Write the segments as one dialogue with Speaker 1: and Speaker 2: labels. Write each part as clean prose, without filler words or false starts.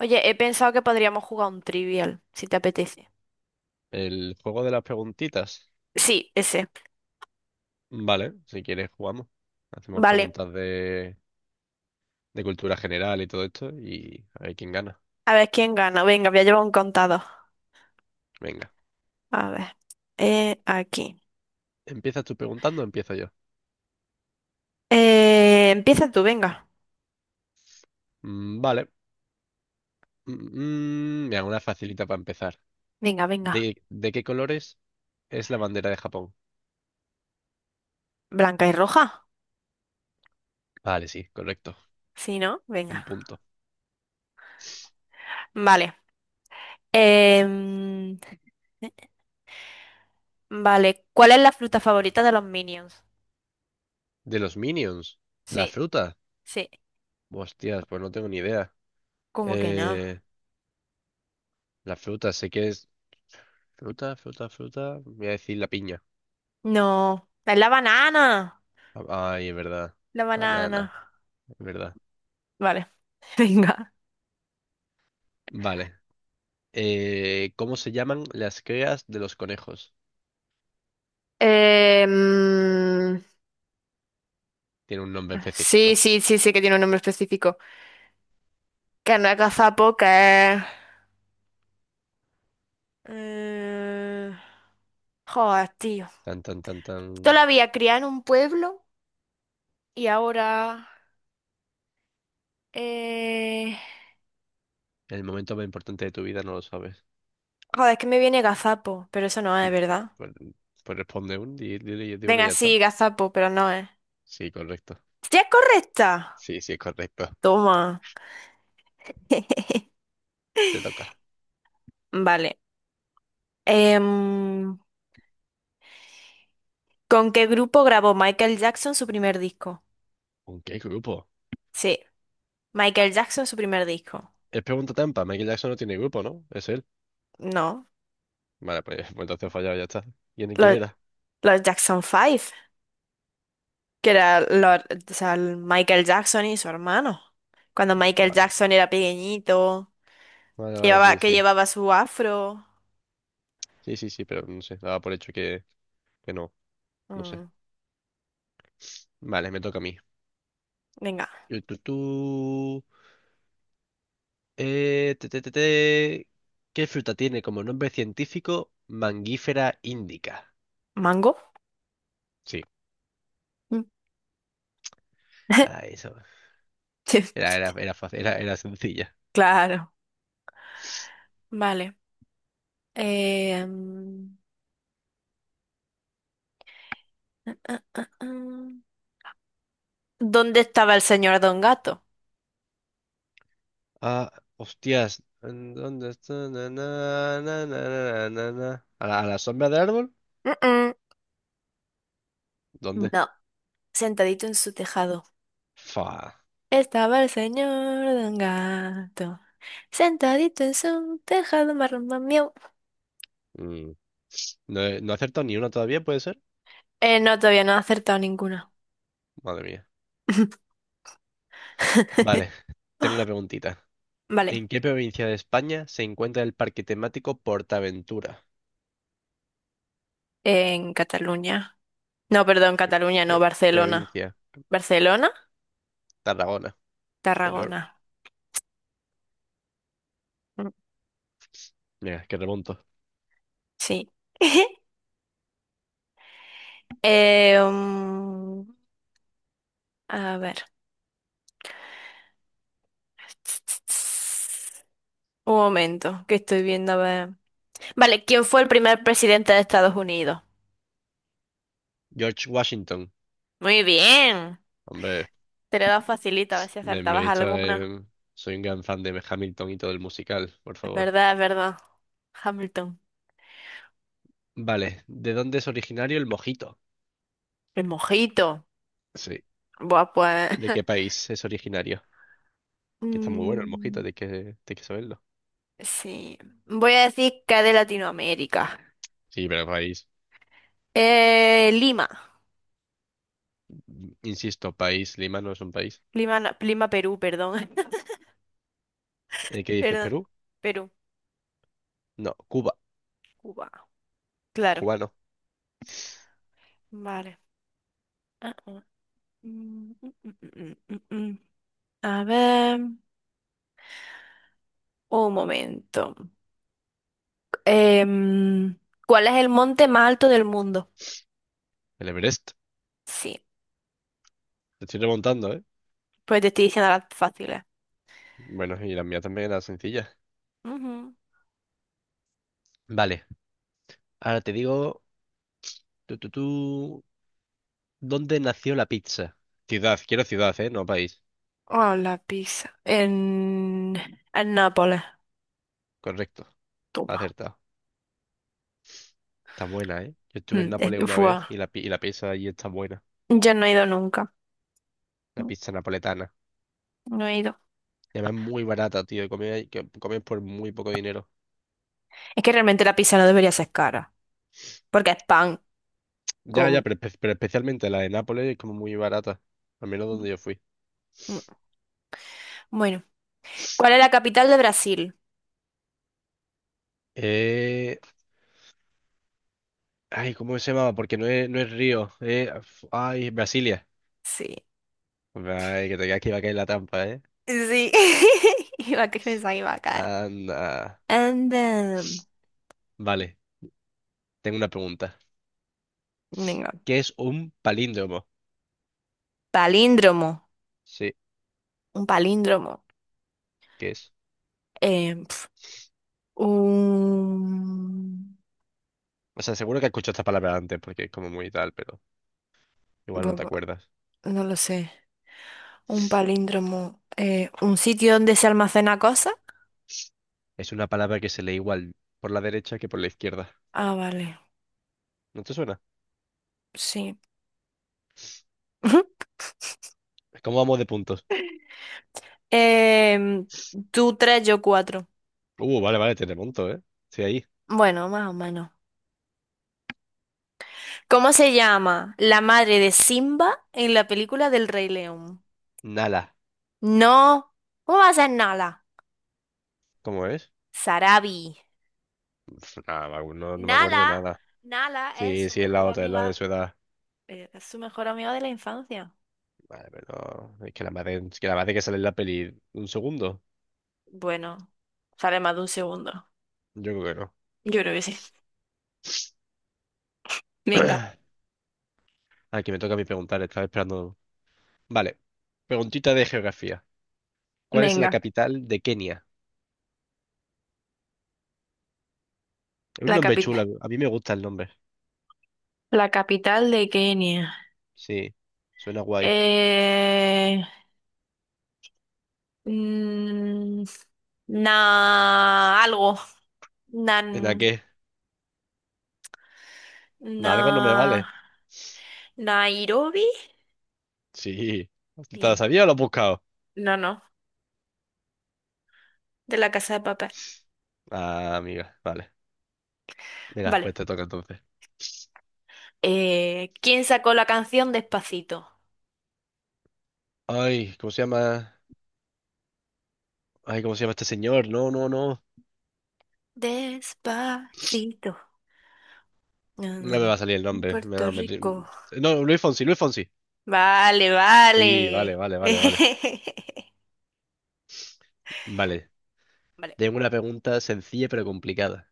Speaker 1: Oye, he pensado que podríamos jugar un trivial, si te apetece.
Speaker 2: El juego de las preguntitas.
Speaker 1: Sí, ese.
Speaker 2: Vale, si quieres jugamos. Hacemos
Speaker 1: Vale.
Speaker 2: preguntas de cultura general y todo esto, y a ver quién gana.
Speaker 1: A ver quién gana. Venga, voy a llevar un contador.
Speaker 2: Venga.
Speaker 1: A ver. Aquí.
Speaker 2: ¿Empiezas tú preguntando o empiezo yo?
Speaker 1: Empieza tú, venga.
Speaker 2: Vale. Mm, mira, una facilita para empezar.
Speaker 1: Venga, venga.
Speaker 2: De qué colores es la bandera de Japón?
Speaker 1: Blanca y roja.
Speaker 2: Vale, sí, correcto.
Speaker 1: Sí, ¿no?
Speaker 2: Un
Speaker 1: Venga.
Speaker 2: punto.
Speaker 1: Vale. Em, vale. ¿Cuál es la fruta favorita de los Minions?
Speaker 2: ¿De los Minions? ¿La
Speaker 1: Sí,
Speaker 2: fruta?
Speaker 1: sí.
Speaker 2: Hostias, pues no tengo ni idea.
Speaker 1: ¿Cómo que no?
Speaker 2: Eh, la fruta, sé que es... fruta, voy a decir la piña.
Speaker 1: No. Es la banana.
Speaker 2: Ah, ay, es verdad.
Speaker 1: La banana.
Speaker 2: Banana, es verdad.
Speaker 1: Vale. Venga.
Speaker 2: Vale. ¿Cómo se llaman las crías de los conejos?
Speaker 1: Em,
Speaker 2: Tiene un nombre
Speaker 1: Sí,
Speaker 2: específico.
Speaker 1: sí, sí, sí que tiene un nombre específico. Que no es gazapo, que es... eh, Joder, tío.
Speaker 2: Tan, tan, tan, tan.
Speaker 1: Yo la había criado en un pueblo y ahora... Eh...
Speaker 2: En el momento más importante de tu vida no lo sabes.
Speaker 1: Joder, es que me viene gazapo, pero eso no
Speaker 2: Mm,
Speaker 1: es, ¿verdad?
Speaker 2: Pues, pues responde un, di uno y
Speaker 1: Venga,
Speaker 2: ya está.
Speaker 1: sí, gazapo, pero no es.
Speaker 2: Sí, correcto.
Speaker 1: ¡Sí es correcta!
Speaker 2: Sí, sí, es correcto.
Speaker 1: Toma.
Speaker 2: Te toca.
Speaker 1: Vale. Em, ¿Con qué grupo grabó Michael Jackson su primer disco?
Speaker 2: ¿Con qué grupo?
Speaker 1: Sí, Michael Jackson su primer disco.
Speaker 2: Es pregunta trampa. Michael Jackson no tiene grupo, ¿no? Es él.
Speaker 1: No.
Speaker 2: Vale, pues, pues entonces he fallado, ya está. Quién
Speaker 1: Los,
Speaker 2: era?
Speaker 1: los Jackson Five, que era o sea, el Michael Jackson y su hermano. Cuando Michael
Speaker 2: Vale,
Speaker 1: Jackson era pequeñito,
Speaker 2: vale,
Speaker 1: que
Speaker 2: vale,
Speaker 1: llevaba,
Speaker 2: sí,
Speaker 1: que
Speaker 2: sí.
Speaker 1: llevaba su afro.
Speaker 2: Sí, sí, sí, pero no sé. Daba por hecho que no. No sé.
Speaker 1: Mm,
Speaker 2: Vale, me toca a mí.
Speaker 1: Venga,
Speaker 2: Tu, tu, tu. Te, te, te, te. ¿Qué fruta tiene como nombre científico Mangífera indica?
Speaker 1: ¿mango?
Speaker 2: Sí.
Speaker 1: Mm.
Speaker 2: Ah, eso.
Speaker 1: Sí,
Speaker 2: Era fácil, era sencilla.
Speaker 1: claro, vale. Eh, mm, ah, ah, ah, ah. ¿Dónde estaba el señor Don Gato?
Speaker 2: Ah, hostias. ¿En ¿dónde está? Na, na, na, na, na, na, na. A la sombra del árbol?
Speaker 1: Mm, mm.
Speaker 2: ¿Dónde?
Speaker 1: No, sentadito en su tejado.
Speaker 2: Fa.
Speaker 1: Estaba el señor Don Gato, sentadito en su tejado, marrón.
Speaker 2: Mm. No he acertado ni una todavía, ¿puede ser?
Speaker 1: No, todavía no he acertado ninguna.
Speaker 2: Madre mía. Vale, tengo una preguntita.
Speaker 1: Vale,
Speaker 2: ¿En qué provincia de España se encuentra el parque temático Portaventura?
Speaker 1: en Cataluña. No, perdón, Cataluña, no,
Speaker 2: Pro-
Speaker 1: Barcelona.
Speaker 2: provincia,
Speaker 1: ¿Barcelona?
Speaker 2: Tarragona, el
Speaker 1: Tarragona.
Speaker 2: oro.
Speaker 1: Mm,
Speaker 2: Mira, que remonto.
Speaker 1: sí. Eh, um, a ver. Un momento, que estoy viendo, a ver. Vale, ¿quién fue el primer presidente de Estados Unidos?
Speaker 2: George Washington,
Speaker 1: Muy bien.
Speaker 2: hombre,
Speaker 1: Te lo he dado facilita, a ver si
Speaker 2: me he
Speaker 1: acertabas
Speaker 2: visto,
Speaker 1: alguna.
Speaker 2: soy un gran fan de Hamilton y todo el musical, por
Speaker 1: Es
Speaker 2: favor.
Speaker 1: verdad, es verdad. Hamilton.
Speaker 2: Vale, ¿de dónde es originario el mojito?
Speaker 1: El mojito.
Speaker 2: Sí.
Speaker 1: Buah, pues.
Speaker 2: ¿De qué país es originario? Que está muy bueno el mojito,
Speaker 1: Mm,
Speaker 2: hay tienes que saberlo.
Speaker 1: sí. Voy a decir que de Latinoamérica.
Speaker 2: Sí, pero país,
Speaker 1: Lima.
Speaker 2: insisto, país, Lima no es un país.
Speaker 1: Lima, Perú, perdón.
Speaker 2: ¿Qué dices,
Speaker 1: Perdón.
Speaker 2: Perú?
Speaker 1: Perú,
Speaker 2: No, Cuba,
Speaker 1: Cuba. Claro.
Speaker 2: cubano.
Speaker 1: Vale. Ah, ah. Mm, mm, mm, mm, mm, mm. A ver. Un momento. Em, ¿Cuál es el monte más alto del mundo?
Speaker 2: El Everest,
Speaker 1: Sí.
Speaker 2: te estoy remontando, ¿eh?
Speaker 1: Pues te estoy diciendo las fáciles.
Speaker 2: Bueno, y la mía también era sencilla.
Speaker 1: Ujú.
Speaker 2: Vale, ahora te digo. Tú, tú, tú. ¿Dónde nació la pizza? Ciudad, quiero ciudad, ¿eh? No país.
Speaker 1: Oh, la pizza. En Nápoles.
Speaker 2: Correcto,
Speaker 1: Toma.
Speaker 2: acertado. Está buena, ¿eh? Yo estuve en Nápoles una
Speaker 1: Fue.
Speaker 2: vez y y la pizza allí está buena.
Speaker 1: Yo no he ido nunca.
Speaker 2: La
Speaker 1: No
Speaker 2: pizza napoletana.
Speaker 1: no he ido.
Speaker 2: Y además es muy barata, tío. Y comí, que comí por muy poco dinero.
Speaker 1: Es que realmente la pizza no debería ser cara, porque es pan
Speaker 2: Ya,
Speaker 1: con...
Speaker 2: pero, pero especialmente la de Nápoles es como muy barata. Al menos donde yo fui.
Speaker 1: Mm. Bueno, ¿cuál es la capital de Brasil?
Speaker 2: Eh... Ay, ¿cómo se llamaba? Porque no es Río. Ay, Brasilia.
Speaker 1: Sí,
Speaker 2: Ay, que te creas que iba a caer en la trampa, ¿eh?
Speaker 1: sí. Iba a pensar que iba a caer.
Speaker 2: Anda.
Speaker 1: And then,
Speaker 2: Vale, tengo una pregunta.
Speaker 1: venga,
Speaker 2: ¿Que es un palíndromo?
Speaker 1: palíndromo,
Speaker 2: Sí,
Speaker 1: un palíndromo.
Speaker 2: ¿qué es?
Speaker 1: Eh, pf, un...
Speaker 2: O sea, seguro que has escuchado esta palabra antes porque es como muy tal, pero igual no te
Speaker 1: bueno,
Speaker 2: acuerdas.
Speaker 1: no lo sé. Un palíndromo. Un sitio donde se almacena cosa.
Speaker 2: Es una palabra que se lee igual por la derecha que por la izquierda.
Speaker 1: Ah, vale,
Speaker 2: ¿No te suena?
Speaker 1: sí.
Speaker 2: ¿Cómo vamos de puntos?
Speaker 1: Eh, Tú tres, yo cuatro.
Speaker 2: Vale, vale, te remonto, ¿eh? Sí, ahí.
Speaker 1: Bueno, más o menos. ¿Cómo se llama la madre de Simba en la película del Rey León?
Speaker 2: Nala.
Speaker 1: No. ¿Cómo va a ser Nala?
Speaker 2: ¿Cómo es?
Speaker 1: Sarabi.
Speaker 2: Nada, no, no no me acuerdo
Speaker 1: Nala,
Speaker 2: nada.
Speaker 1: Nala es
Speaker 2: Sí,
Speaker 1: su
Speaker 2: sí, es la
Speaker 1: mejor
Speaker 2: otra, es la de
Speaker 1: amiga,
Speaker 2: su edad.
Speaker 1: es su mejor amiga de la infancia.
Speaker 2: Vale, pero no, es que la madre, es que la madre que sale en la peli un segundo.
Speaker 1: Bueno, sale más de un segundo.
Speaker 2: Yo creo que no.
Speaker 1: Yo creo que sí. Venga,
Speaker 2: Aquí me toca a mí preguntar, estaba esperando. Vale, preguntita de geografía. ¿Cuál es la
Speaker 1: venga.
Speaker 2: capital de Kenia? Es un
Speaker 1: La
Speaker 2: nombre chulo,
Speaker 1: capital,
Speaker 2: a mí me gusta el nombre.
Speaker 1: la capital de Kenia.
Speaker 2: Sí, suena guay.
Speaker 1: Eh, Mm, Na, algo. Nan,
Speaker 2: ¿En a qué? ¿En
Speaker 1: na,
Speaker 2: algo no me vale?
Speaker 1: Nairobi.
Speaker 2: Sí. ¿Te lo
Speaker 1: Bien.
Speaker 2: sabía o lo has buscado?
Speaker 1: No, no. De la Casa de Papel.
Speaker 2: Ah, amiga, vale. Mira, pues
Speaker 1: Vale.
Speaker 2: te toca entonces.
Speaker 1: ¿Quién sacó la canción Despacito?
Speaker 2: Ay, ¿cómo se llama? Ay, ¿cómo se llama este señor? No, no, no.
Speaker 1: Despacito. No,
Speaker 2: No
Speaker 1: no,
Speaker 2: me
Speaker 1: no.
Speaker 2: va a salir el
Speaker 1: En
Speaker 2: nombre. Me va
Speaker 1: Puerto
Speaker 2: a meter-
Speaker 1: Rico.
Speaker 2: No, Luis Fonsi, Luis Fonsi.
Speaker 1: Vale,
Speaker 2: Sí, vale,
Speaker 1: vale.
Speaker 2: vale, vale, vale. Vale.
Speaker 1: Vale,
Speaker 2: Tengo una pregunta sencilla pero complicada.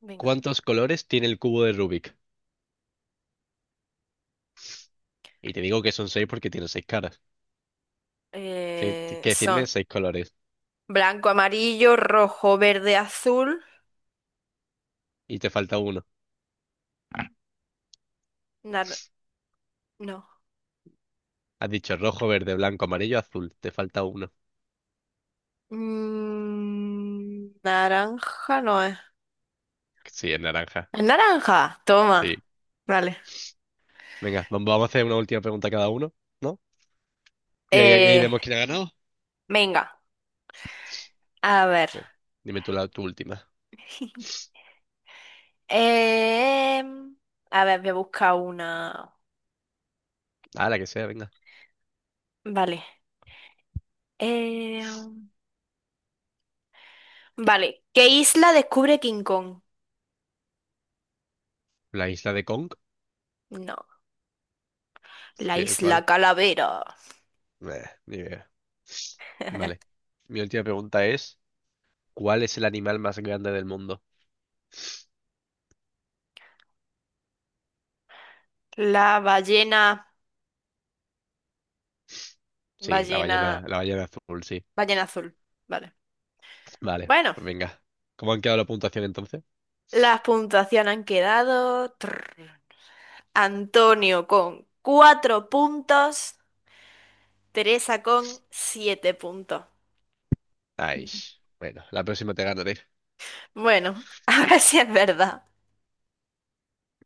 Speaker 1: venga.
Speaker 2: ¿Cuántos colores tiene el cubo de Rubik? Y te digo que son seis porque tiene seis caras. Sí, tienes que
Speaker 1: Son
Speaker 2: decirme seis colores.
Speaker 1: blanco, amarillo, rojo, verde, azul.
Speaker 2: Y te falta uno.
Speaker 1: nar- No.
Speaker 2: Has dicho rojo, verde, blanco, amarillo, azul. Te falta uno.
Speaker 1: Naranja no es.
Speaker 2: Sí, es naranja.
Speaker 1: Es naranja, toma.
Speaker 2: Sí.
Speaker 1: Vale.
Speaker 2: Venga, vamos a hacer una última pregunta cada uno, ¿no? Y ahí
Speaker 1: Eh,
Speaker 2: vemos quién ha ganado.
Speaker 1: Venga, a ver.
Speaker 2: Bien. Dime tú la tu última.
Speaker 1: Em, a ver, voy a buscar una.
Speaker 2: Ah, la que sea, venga.
Speaker 1: Vale. Em, vale. ¿Qué isla descubre King Kong?
Speaker 2: La isla de Kong.
Speaker 1: No.
Speaker 2: Pues,
Speaker 1: La
Speaker 2: Cuál?
Speaker 1: isla Calavera.
Speaker 2: Ni idea. Vale. Mi última pregunta es, ¿cuál es el animal más grande del mundo?
Speaker 1: La ballena.
Speaker 2: Sí,
Speaker 1: Ballena.
Speaker 2: la ballena azul, sí.
Speaker 1: Ballena azul. Vale.
Speaker 2: Vale,
Speaker 1: Bueno,
Speaker 2: pues venga. ¿Cómo han quedado la puntuación entonces?
Speaker 1: las puntuaciones han quedado. Trrr. Antonio con cuatro puntos, Teresa con siete puntos.
Speaker 2: Ay, bueno, la próxima te ganaré.
Speaker 1: Bueno, a ver si es verdad.